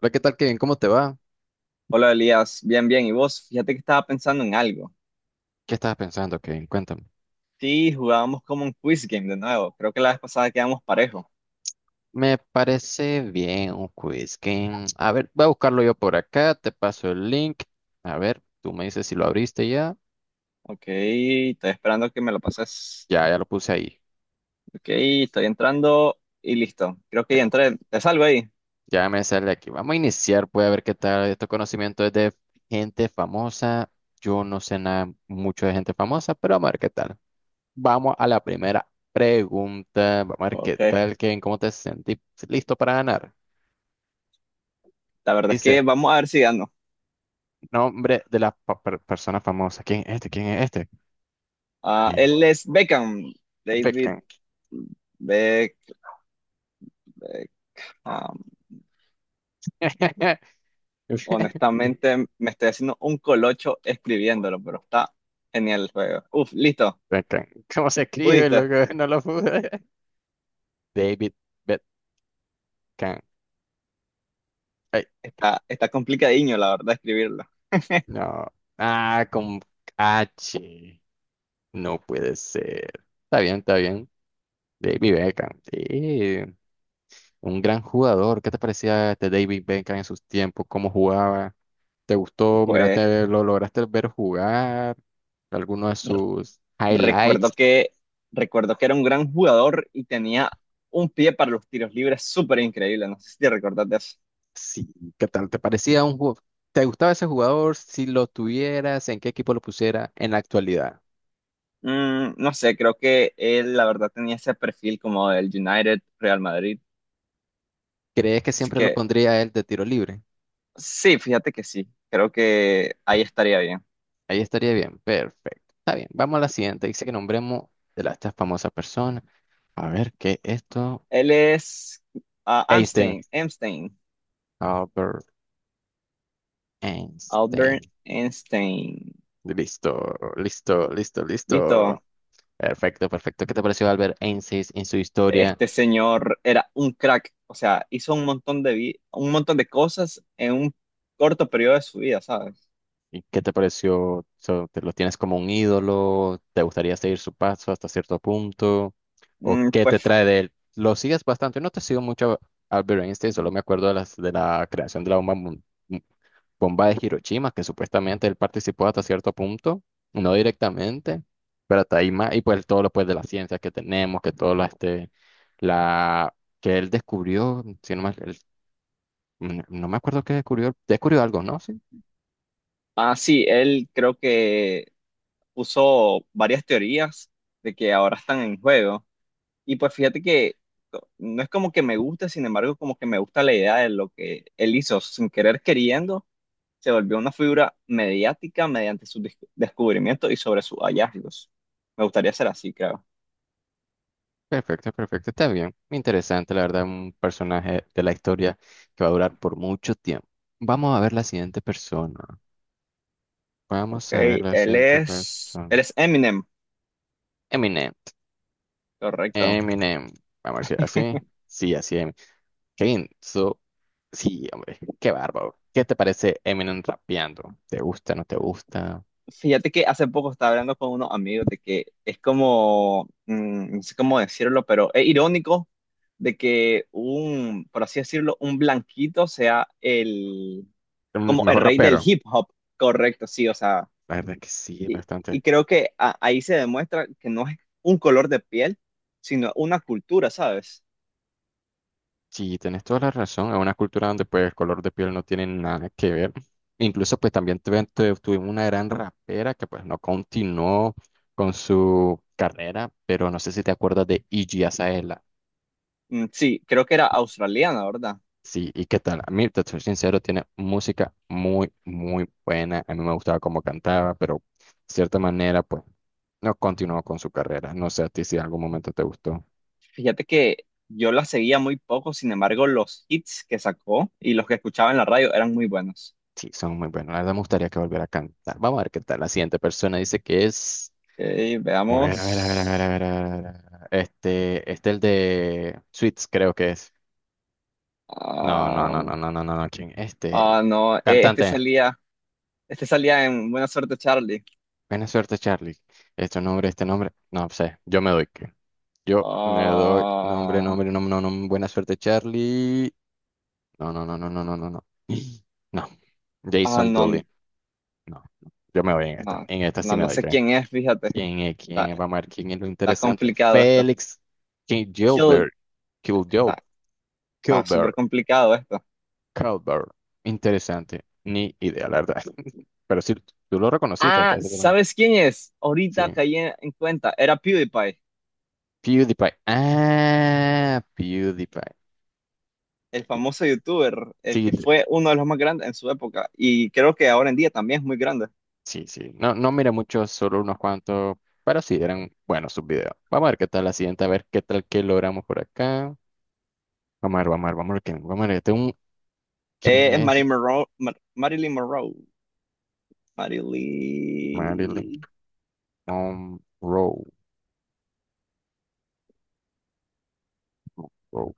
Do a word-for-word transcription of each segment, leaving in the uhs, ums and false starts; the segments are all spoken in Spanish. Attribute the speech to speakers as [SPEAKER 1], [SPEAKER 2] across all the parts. [SPEAKER 1] Hola, ¿qué tal, Kevin? ¿Cómo te va?
[SPEAKER 2] Hola Elías, bien, bien. ¿Y vos? Fíjate que estaba pensando en algo.
[SPEAKER 1] ¿Qué estabas pensando, Kevin? Cuéntame.
[SPEAKER 2] Sí, jugábamos como un quiz game de nuevo. Creo que la vez pasada quedamos parejo.
[SPEAKER 1] Me parece bien un quiz, Kevin. A ver, voy a buscarlo yo por acá, te paso el link. A ver, tú me dices si lo abriste ya.
[SPEAKER 2] Ok, estoy esperando que me lo pases.
[SPEAKER 1] Ya, ya lo puse ahí.
[SPEAKER 2] Ok, estoy entrando y listo. Creo que ya
[SPEAKER 1] Espera,
[SPEAKER 2] entré. ¿Te salgo ahí?
[SPEAKER 1] ya me sale aquí. Vamos a iniciar, pues a ver qué tal estos conocimientos de gente famosa. Yo no sé nada mucho de gente famosa, pero vamos a ver qué tal. Vamos a la primera pregunta. Vamos a ver qué
[SPEAKER 2] Ok,
[SPEAKER 1] tal, Kevin. ¿Cómo te sentís? ¿Listo para ganar?
[SPEAKER 2] la verdad es
[SPEAKER 1] Dice,
[SPEAKER 2] que vamos a ver si gano.
[SPEAKER 1] nombre de las pa- per- persona famosa. ¿Quién es este? ¿Quién es este?
[SPEAKER 2] Ah,
[SPEAKER 1] Y-
[SPEAKER 2] él es Beckham. David
[SPEAKER 1] Beckham.
[SPEAKER 2] Beck. Beckham. Honestamente, me estoy haciendo un colocho escribiéndolo, pero está genial el juego. Uf, listo.
[SPEAKER 1] Beckham. ¿Cómo se escribe,
[SPEAKER 2] ¿Pudiste?
[SPEAKER 1] loco? No lo pude. David Beckham. Ay,
[SPEAKER 2] Está, está complicadiño, la verdad, escribirlo.
[SPEAKER 1] no. Ah, con H. No puede ser. Está bien, está bien. David Beckham. Sí, un gran jugador. ¿Qué te parecía este David Beckham en sus tiempos? ¿Cómo jugaba? ¿Te gustó?
[SPEAKER 2] Pues
[SPEAKER 1] ¿Miraste, lo lograste ver jugar? ¿Alguno de sus
[SPEAKER 2] recuerdo
[SPEAKER 1] highlights?
[SPEAKER 2] que, recuerdo que era un gran jugador y tenía un pie para los tiros libres súper increíble. No sé si te recordás de eso.
[SPEAKER 1] Sí, ¿qué tal? ¿Te parecía un jugador? ¿Te gustaba ese jugador? Si lo tuvieras, ¿en qué equipo lo pusiera en la actualidad?
[SPEAKER 2] Mm, no sé, creo que él la verdad tenía ese perfil como del United, Real Madrid.
[SPEAKER 1] ¿Crees que
[SPEAKER 2] Así
[SPEAKER 1] siempre lo
[SPEAKER 2] que
[SPEAKER 1] pondría a él de tiro libre?
[SPEAKER 2] sí, fíjate que sí. Creo que ahí estaría bien.
[SPEAKER 1] Ahí estaría bien, perfecto. Está bien, vamos a la siguiente. Dice que nombremos de la, esta famosa persona. A ver, ¿qué es esto?
[SPEAKER 2] Él es ah,
[SPEAKER 1] Einstein.
[SPEAKER 2] Amstein, Amstein,
[SPEAKER 1] Albert Einstein.
[SPEAKER 2] Albert Einstein.
[SPEAKER 1] Listo, listo, listo,
[SPEAKER 2] Listo.
[SPEAKER 1] listo. Perfecto, perfecto. ¿Qué te pareció Albert Einstein en su historia?
[SPEAKER 2] Este señor era un crack, o sea, hizo un montón de vi- un montón de cosas en un corto periodo de su vida, ¿sabes?
[SPEAKER 1] ¿Y qué te pareció? O sea, ¿te lo tienes como un ídolo? ¿Te gustaría seguir su paso hasta cierto punto? ¿O
[SPEAKER 2] Mm,
[SPEAKER 1] qué te
[SPEAKER 2] pues,
[SPEAKER 1] trae de él? Lo sigues bastante. Yo no te sigo mucho a Albert Einstein, solo me acuerdo de, las, de la creación de la bomba, mun- mu- bomba de Hiroshima, que supuestamente él participó hasta cierto punto, no directamente, pero hasta ahí más. Y pues todo lo pues, de la ciencia que tenemos, que todo la, este, la que él descubrió, si no, mal- el- no no me acuerdo qué descubrió, descubrió algo, ¿no? Sí.
[SPEAKER 2] ah, sí, él creo que puso varias teorías de que ahora están en juego. Y pues fíjate que no es como que me guste, sin embargo, como que me gusta la idea de lo que él hizo sin querer queriendo, se volvió una figura mediática mediante sus dis- descubrimientos y sobre sus hallazgos. Me gustaría ser así, creo.
[SPEAKER 1] Perfecto, perfecto, está bien. Interesante, la verdad, un personaje de la historia que va a durar por mucho tiempo. Vamos a ver la siguiente persona.
[SPEAKER 2] Ok,
[SPEAKER 1] Vamos a ver la
[SPEAKER 2] él
[SPEAKER 1] siguiente
[SPEAKER 2] es,
[SPEAKER 1] persona.
[SPEAKER 2] él es Eminem,
[SPEAKER 1] Eminem.
[SPEAKER 2] correcto.
[SPEAKER 1] Eminem. Vamos a ver si así. Sí, así Eminem. Qué intenso. Sí, hombre, qué bárbaro. ¿Qué te parece Eminem rapeando? ¿Te gusta, no te gusta?
[SPEAKER 2] Fíjate que hace poco estaba hablando con unos amigos de que es como, mm, no sé cómo decirlo, pero es irónico de que un, por así decirlo, un blanquito sea el,
[SPEAKER 1] Mm,
[SPEAKER 2] como el
[SPEAKER 1] Mejor
[SPEAKER 2] rey del
[SPEAKER 1] rapero.
[SPEAKER 2] hip hop, correcto, sí, o sea,
[SPEAKER 1] La verdad que sí,
[SPEAKER 2] y,
[SPEAKER 1] bastante.
[SPEAKER 2] y creo que a- ahí se demuestra que no es un color de piel, sino una cultura, ¿sabes?
[SPEAKER 1] Sí, tenés toda la razón. Es una cultura donde pues el color de piel no tiene nada que ver. Incluso pues también tuve- tuve- tuvimos una gran rapera que pues no continuó con su carrera, pero no sé si te acuerdas de Iggy Azalea.
[SPEAKER 2] Mm, sí, creo que era australiana, ¿verdad?
[SPEAKER 1] Sí, ¿y qué tal? A mí, te soy sincero, tiene música muy, muy buena. A mí me gustaba cómo cantaba, pero de cierta manera pues no continuó con su carrera. No sé a ti si en algún momento te gustó.
[SPEAKER 2] Fíjate que yo la seguía muy poco, sin embargo, los hits que sacó y los que escuchaba en la radio eran muy buenos.
[SPEAKER 1] Sí, son muy buenos. La verdad me gustaría que volviera a cantar. Vamos a ver qué tal. La siguiente persona dice que es...
[SPEAKER 2] Ok,
[SPEAKER 1] A ver, a ver, a ver, a ver, a
[SPEAKER 2] veamos.
[SPEAKER 1] ver, a ver, a ver, a ver. Este, este el de Sweets, creo que es. No, no,
[SPEAKER 2] Ah,
[SPEAKER 1] no, no, no, no, no, no, ¿quién? Este,
[SPEAKER 2] ah, no, eh, este
[SPEAKER 1] cantante.
[SPEAKER 2] salía, este salía en Buena Suerte Charlie.
[SPEAKER 1] Buena suerte, Charlie. Este nombre, este nombre. No sé, yo me doy. que- Yo me doy nombre,
[SPEAKER 2] Ah,
[SPEAKER 1] nombre, nombre, no, no, buena suerte, Charlie. No, no, no, no, no, no, no, no. No.
[SPEAKER 2] ah,
[SPEAKER 1] Jason
[SPEAKER 2] no,
[SPEAKER 1] Dooley. No, no. Yo me voy en esta.
[SPEAKER 2] no,
[SPEAKER 1] En esta sí
[SPEAKER 2] no,
[SPEAKER 1] me
[SPEAKER 2] no
[SPEAKER 1] doy,
[SPEAKER 2] sé
[SPEAKER 1] ¿creen?
[SPEAKER 2] quién es, fíjate.
[SPEAKER 1] ¿Quién es? ¿Quién
[SPEAKER 2] Está,
[SPEAKER 1] es? Vamos a ver quién es lo
[SPEAKER 2] está
[SPEAKER 1] interesante.
[SPEAKER 2] complicado esto.
[SPEAKER 1] Félix
[SPEAKER 2] Kill,
[SPEAKER 1] Gilbert. Kiljob.
[SPEAKER 2] está, está
[SPEAKER 1] Gilbert.
[SPEAKER 2] súper complicado esto.
[SPEAKER 1] Cowbird. Interesante. Ni idea, la verdad. Pero sí, tú lo reconociste hasta
[SPEAKER 2] Ah,
[SPEAKER 1] ese momento.
[SPEAKER 2] ¿sabes quién es?
[SPEAKER 1] Sí.
[SPEAKER 2] Ahorita caí en en cuenta, era PewDiePie.
[SPEAKER 1] PewDiePie. Ah, PewDiePie.
[SPEAKER 2] El famoso youtuber, el
[SPEAKER 1] Sí,
[SPEAKER 2] que
[SPEAKER 1] te-
[SPEAKER 2] fue uno de los más grandes en su época y creo que ahora en día también es muy grande.
[SPEAKER 1] sí, sí. No, no mira muchos, solo unos cuantos. Pero sí, eran buenos sus videos. Vamos a ver qué tal la siguiente, a ver qué tal que logramos por acá. Vamos a ver, vamos a ver, vamos a ver quién. Vamos a ver, este es un-
[SPEAKER 2] Eh,
[SPEAKER 1] ¿quién
[SPEAKER 2] es
[SPEAKER 1] es?
[SPEAKER 2] Marilyn Monroe, Mar- Marilyn Monroe.
[SPEAKER 1] Marilyn
[SPEAKER 2] Marilyn.
[SPEAKER 1] Monroe. Monroe.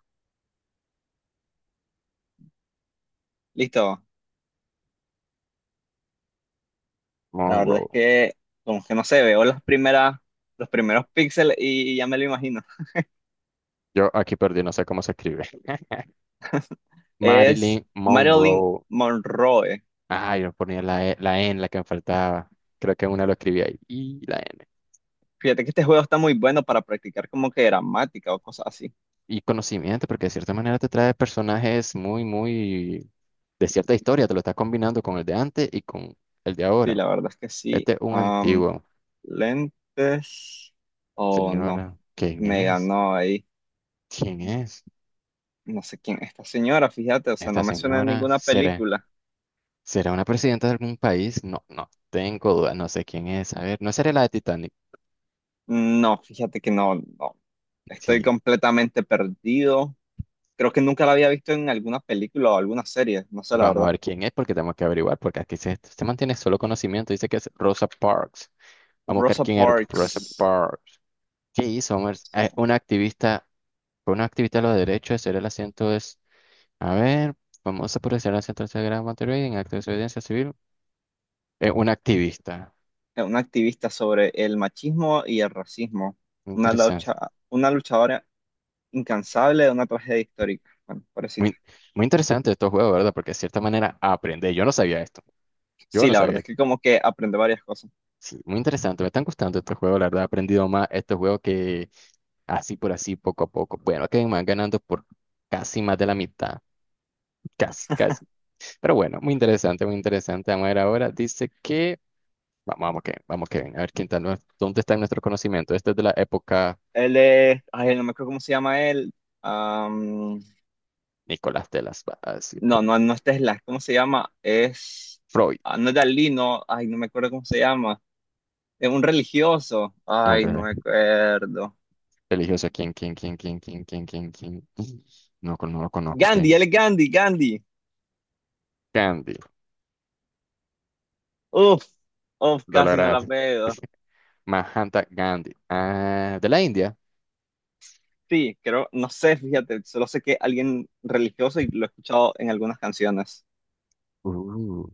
[SPEAKER 2] Listo. La verdad es
[SPEAKER 1] Monroe.
[SPEAKER 2] que como que no sé, veo las primeras, los primeros píxeles y ya me lo imagino.
[SPEAKER 1] Yo aquí perdí, no sé cómo se escribe.
[SPEAKER 2] Es
[SPEAKER 1] Marilyn
[SPEAKER 2] Marilyn
[SPEAKER 1] Monroe.
[SPEAKER 2] Monroe.
[SPEAKER 1] Ah, yo ponía la, E- la N, la que me faltaba. Creo que una lo escribí ahí. Y la N.
[SPEAKER 2] Fíjate que este juego está muy bueno para practicar como que gramática o cosas así.
[SPEAKER 1] Y conocimiento, porque de cierta manera te trae personajes muy, muy de cierta historia. Te lo estás combinando con el de antes y con el de
[SPEAKER 2] Sí,
[SPEAKER 1] ahora.
[SPEAKER 2] la verdad es que sí.
[SPEAKER 1] Este es un
[SPEAKER 2] Am,
[SPEAKER 1] antiguo.
[SPEAKER 2] lentes. Oh, no.
[SPEAKER 1] Señora, ¿quién
[SPEAKER 2] Me
[SPEAKER 1] es?
[SPEAKER 2] ganó ahí.
[SPEAKER 1] ¿Quién es?
[SPEAKER 2] No sé quién es esta señora, fíjate, o sea,
[SPEAKER 1] Esta
[SPEAKER 2] no me suena a
[SPEAKER 1] señora
[SPEAKER 2] ninguna
[SPEAKER 1] será,
[SPEAKER 2] película.
[SPEAKER 1] será una presidenta de algún país. No, no tengo dudas. No sé quién es. A ver, no será la de Titanic.
[SPEAKER 2] No, fíjate que no, no. Estoy
[SPEAKER 1] Sí.
[SPEAKER 2] completamente perdido. Creo que nunca la había visto en alguna película o alguna serie, no sé la
[SPEAKER 1] Vamos a
[SPEAKER 2] verdad.
[SPEAKER 1] ver quién es porque tenemos que averiguar, porque aquí se, se mantiene solo conocimiento. Dice que es Rosa Parks. Vamos a buscar
[SPEAKER 2] Rosa
[SPEAKER 1] quién era Rosa
[SPEAKER 2] Parks,
[SPEAKER 1] Parks. ¿Qué hizo?
[SPEAKER 2] o
[SPEAKER 1] Vamos a ver. Eh,
[SPEAKER 2] sea,
[SPEAKER 1] una activista, fue una activista de los derechos de ser el asiento es, a ver, famosa por ser el asiento de Gran Monterrey en acto de desobediencia civil. Eh, una activista.
[SPEAKER 2] una activista sobre el machismo y el racismo, una
[SPEAKER 1] Interesante.
[SPEAKER 2] lucha, una luchadora incansable de una tragedia histórica. Bueno, pobrecita.
[SPEAKER 1] Muy, muy interesante estos juegos, ¿verdad? Porque de cierta manera aprendí. Yo no sabía esto. Yo
[SPEAKER 2] Sí,
[SPEAKER 1] no
[SPEAKER 2] la
[SPEAKER 1] sabía
[SPEAKER 2] verdad es
[SPEAKER 1] esto.
[SPEAKER 2] que como que aprende varias cosas.
[SPEAKER 1] Sí, muy interesante. Me están gustando estos juegos, la verdad. He aprendido más estos juegos que así por así, poco a poco. Bueno, que me van ganando por casi más de la mitad. Casi, casi. Pero bueno, muy interesante, muy interesante. Vamos a ver ahora. Dice que. Vamos, vamos, que vamos, que ven A ver quién está, nue- dónde está nuestro conocimiento. Este es de la época.
[SPEAKER 2] Él es, ay, no me acuerdo cómo se llama él.
[SPEAKER 1] Nicolás de las Va- así,
[SPEAKER 2] No, no, no es Tesla, ¿cómo se llama? Es,
[SPEAKER 1] Freud.
[SPEAKER 2] ah, no es Dalí, no, ay, no me acuerdo cómo se llama. Es un religioso,
[SPEAKER 1] Es un
[SPEAKER 2] ay, no
[SPEAKER 1] re-
[SPEAKER 2] me acuerdo.
[SPEAKER 1] religioso. ¿Quién, quién, quién, quién, quién, quién, quién, quién? No, con- no lo conozco.
[SPEAKER 2] Gandhi,
[SPEAKER 1] ¿Quién?
[SPEAKER 2] él es Gandhi, Gandhi.
[SPEAKER 1] Gandhi.
[SPEAKER 2] Uf, Uf, casi no la
[SPEAKER 1] Dolorad.
[SPEAKER 2] veo.
[SPEAKER 1] Mahanta Gandhi. Ah, de la India.
[SPEAKER 2] Sí, creo, no sé, fíjate, solo sé que alguien religioso y lo he escuchado en algunas canciones.
[SPEAKER 1] Uh,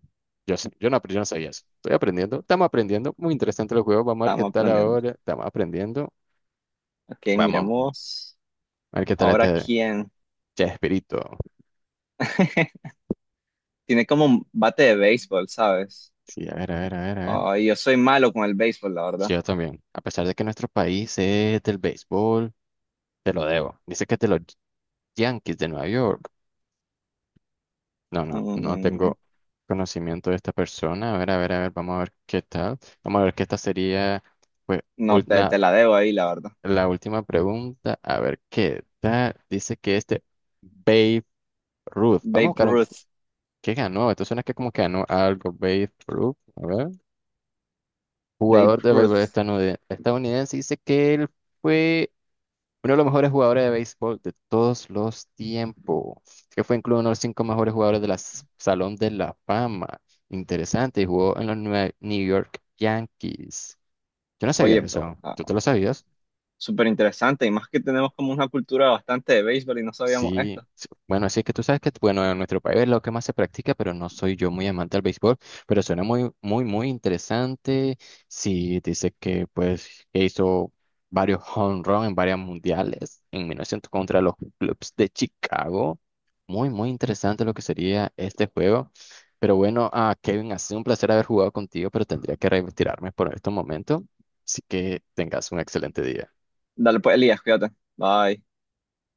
[SPEAKER 1] yo sé, yo no, yo no sabía eso. Estoy aprendiendo. Estamos aprendiendo. Muy interesante los juegos. Vamos a ver qué
[SPEAKER 2] Estamos
[SPEAKER 1] tal
[SPEAKER 2] aprendiendo.
[SPEAKER 1] ahora. Estamos aprendiendo.
[SPEAKER 2] Ok,
[SPEAKER 1] Vamos
[SPEAKER 2] miremos.
[SPEAKER 1] a ver qué tal
[SPEAKER 2] Ahora
[SPEAKER 1] este.
[SPEAKER 2] quién.
[SPEAKER 1] Chespirito.
[SPEAKER 2] Tiene como un bate de béisbol, ¿sabes?
[SPEAKER 1] Sí, a ver, a ver, a ver, a ver.
[SPEAKER 2] Ay, yo soy malo con el béisbol, la
[SPEAKER 1] Sí,
[SPEAKER 2] verdad.
[SPEAKER 1] yo también. A pesar de que nuestro país es del béisbol, te lo debo. Dice que es de los Yankees de Nueva York. No, no, no
[SPEAKER 2] Mm.
[SPEAKER 1] tengo conocimiento de esta persona. A ver, a ver, a ver, vamos a ver qué tal. Vamos a ver que esta sería, pues,
[SPEAKER 2] No,
[SPEAKER 1] ul-
[SPEAKER 2] te,
[SPEAKER 1] na-
[SPEAKER 2] te la debo ahí, la verdad.
[SPEAKER 1] la última pregunta. A ver qué tal. Dice que este Babe Ruth. Vamos a
[SPEAKER 2] Babe
[SPEAKER 1] buscar un...
[SPEAKER 2] Ruth,
[SPEAKER 1] ¿Qué ganó? Esto suena que como que ganó algo Babe Ruth. A ver.
[SPEAKER 2] Babe
[SPEAKER 1] Jugador de béisbol
[SPEAKER 2] Ruth.
[SPEAKER 1] estadounid- estadounidense, dice que él fue uno de los mejores jugadores de béisbol de todos los tiempos, que fue incluido uno de los cinco mejores jugadores del Salón de la Fama. Interesante, y jugó en los Nue- New York Yankees. Yo no sabía
[SPEAKER 2] Oye, pero
[SPEAKER 1] eso, ¿tú te
[SPEAKER 2] ah,
[SPEAKER 1] lo sabías?
[SPEAKER 2] súper interesante y más que tenemos como una cultura bastante de béisbol y no sabíamos
[SPEAKER 1] Sí,
[SPEAKER 2] esto.
[SPEAKER 1] sí, bueno, así que tú sabes que, bueno, en nuestro país es lo que más se practica, pero no soy yo muy amante al béisbol, pero suena muy, muy, muy interesante. Sí, dice que, pues, que hizo varios home run en varias mundiales en mil novecientos contra los Cubs de Chicago. Muy, muy interesante lo que sería este juego. Pero bueno, ah, Kevin, ha sido un placer haber jugado contigo, pero tendría que retirarme por este momento. Así que tengas un excelente día.
[SPEAKER 2] Dale pues, Elías, cuídate. Bye.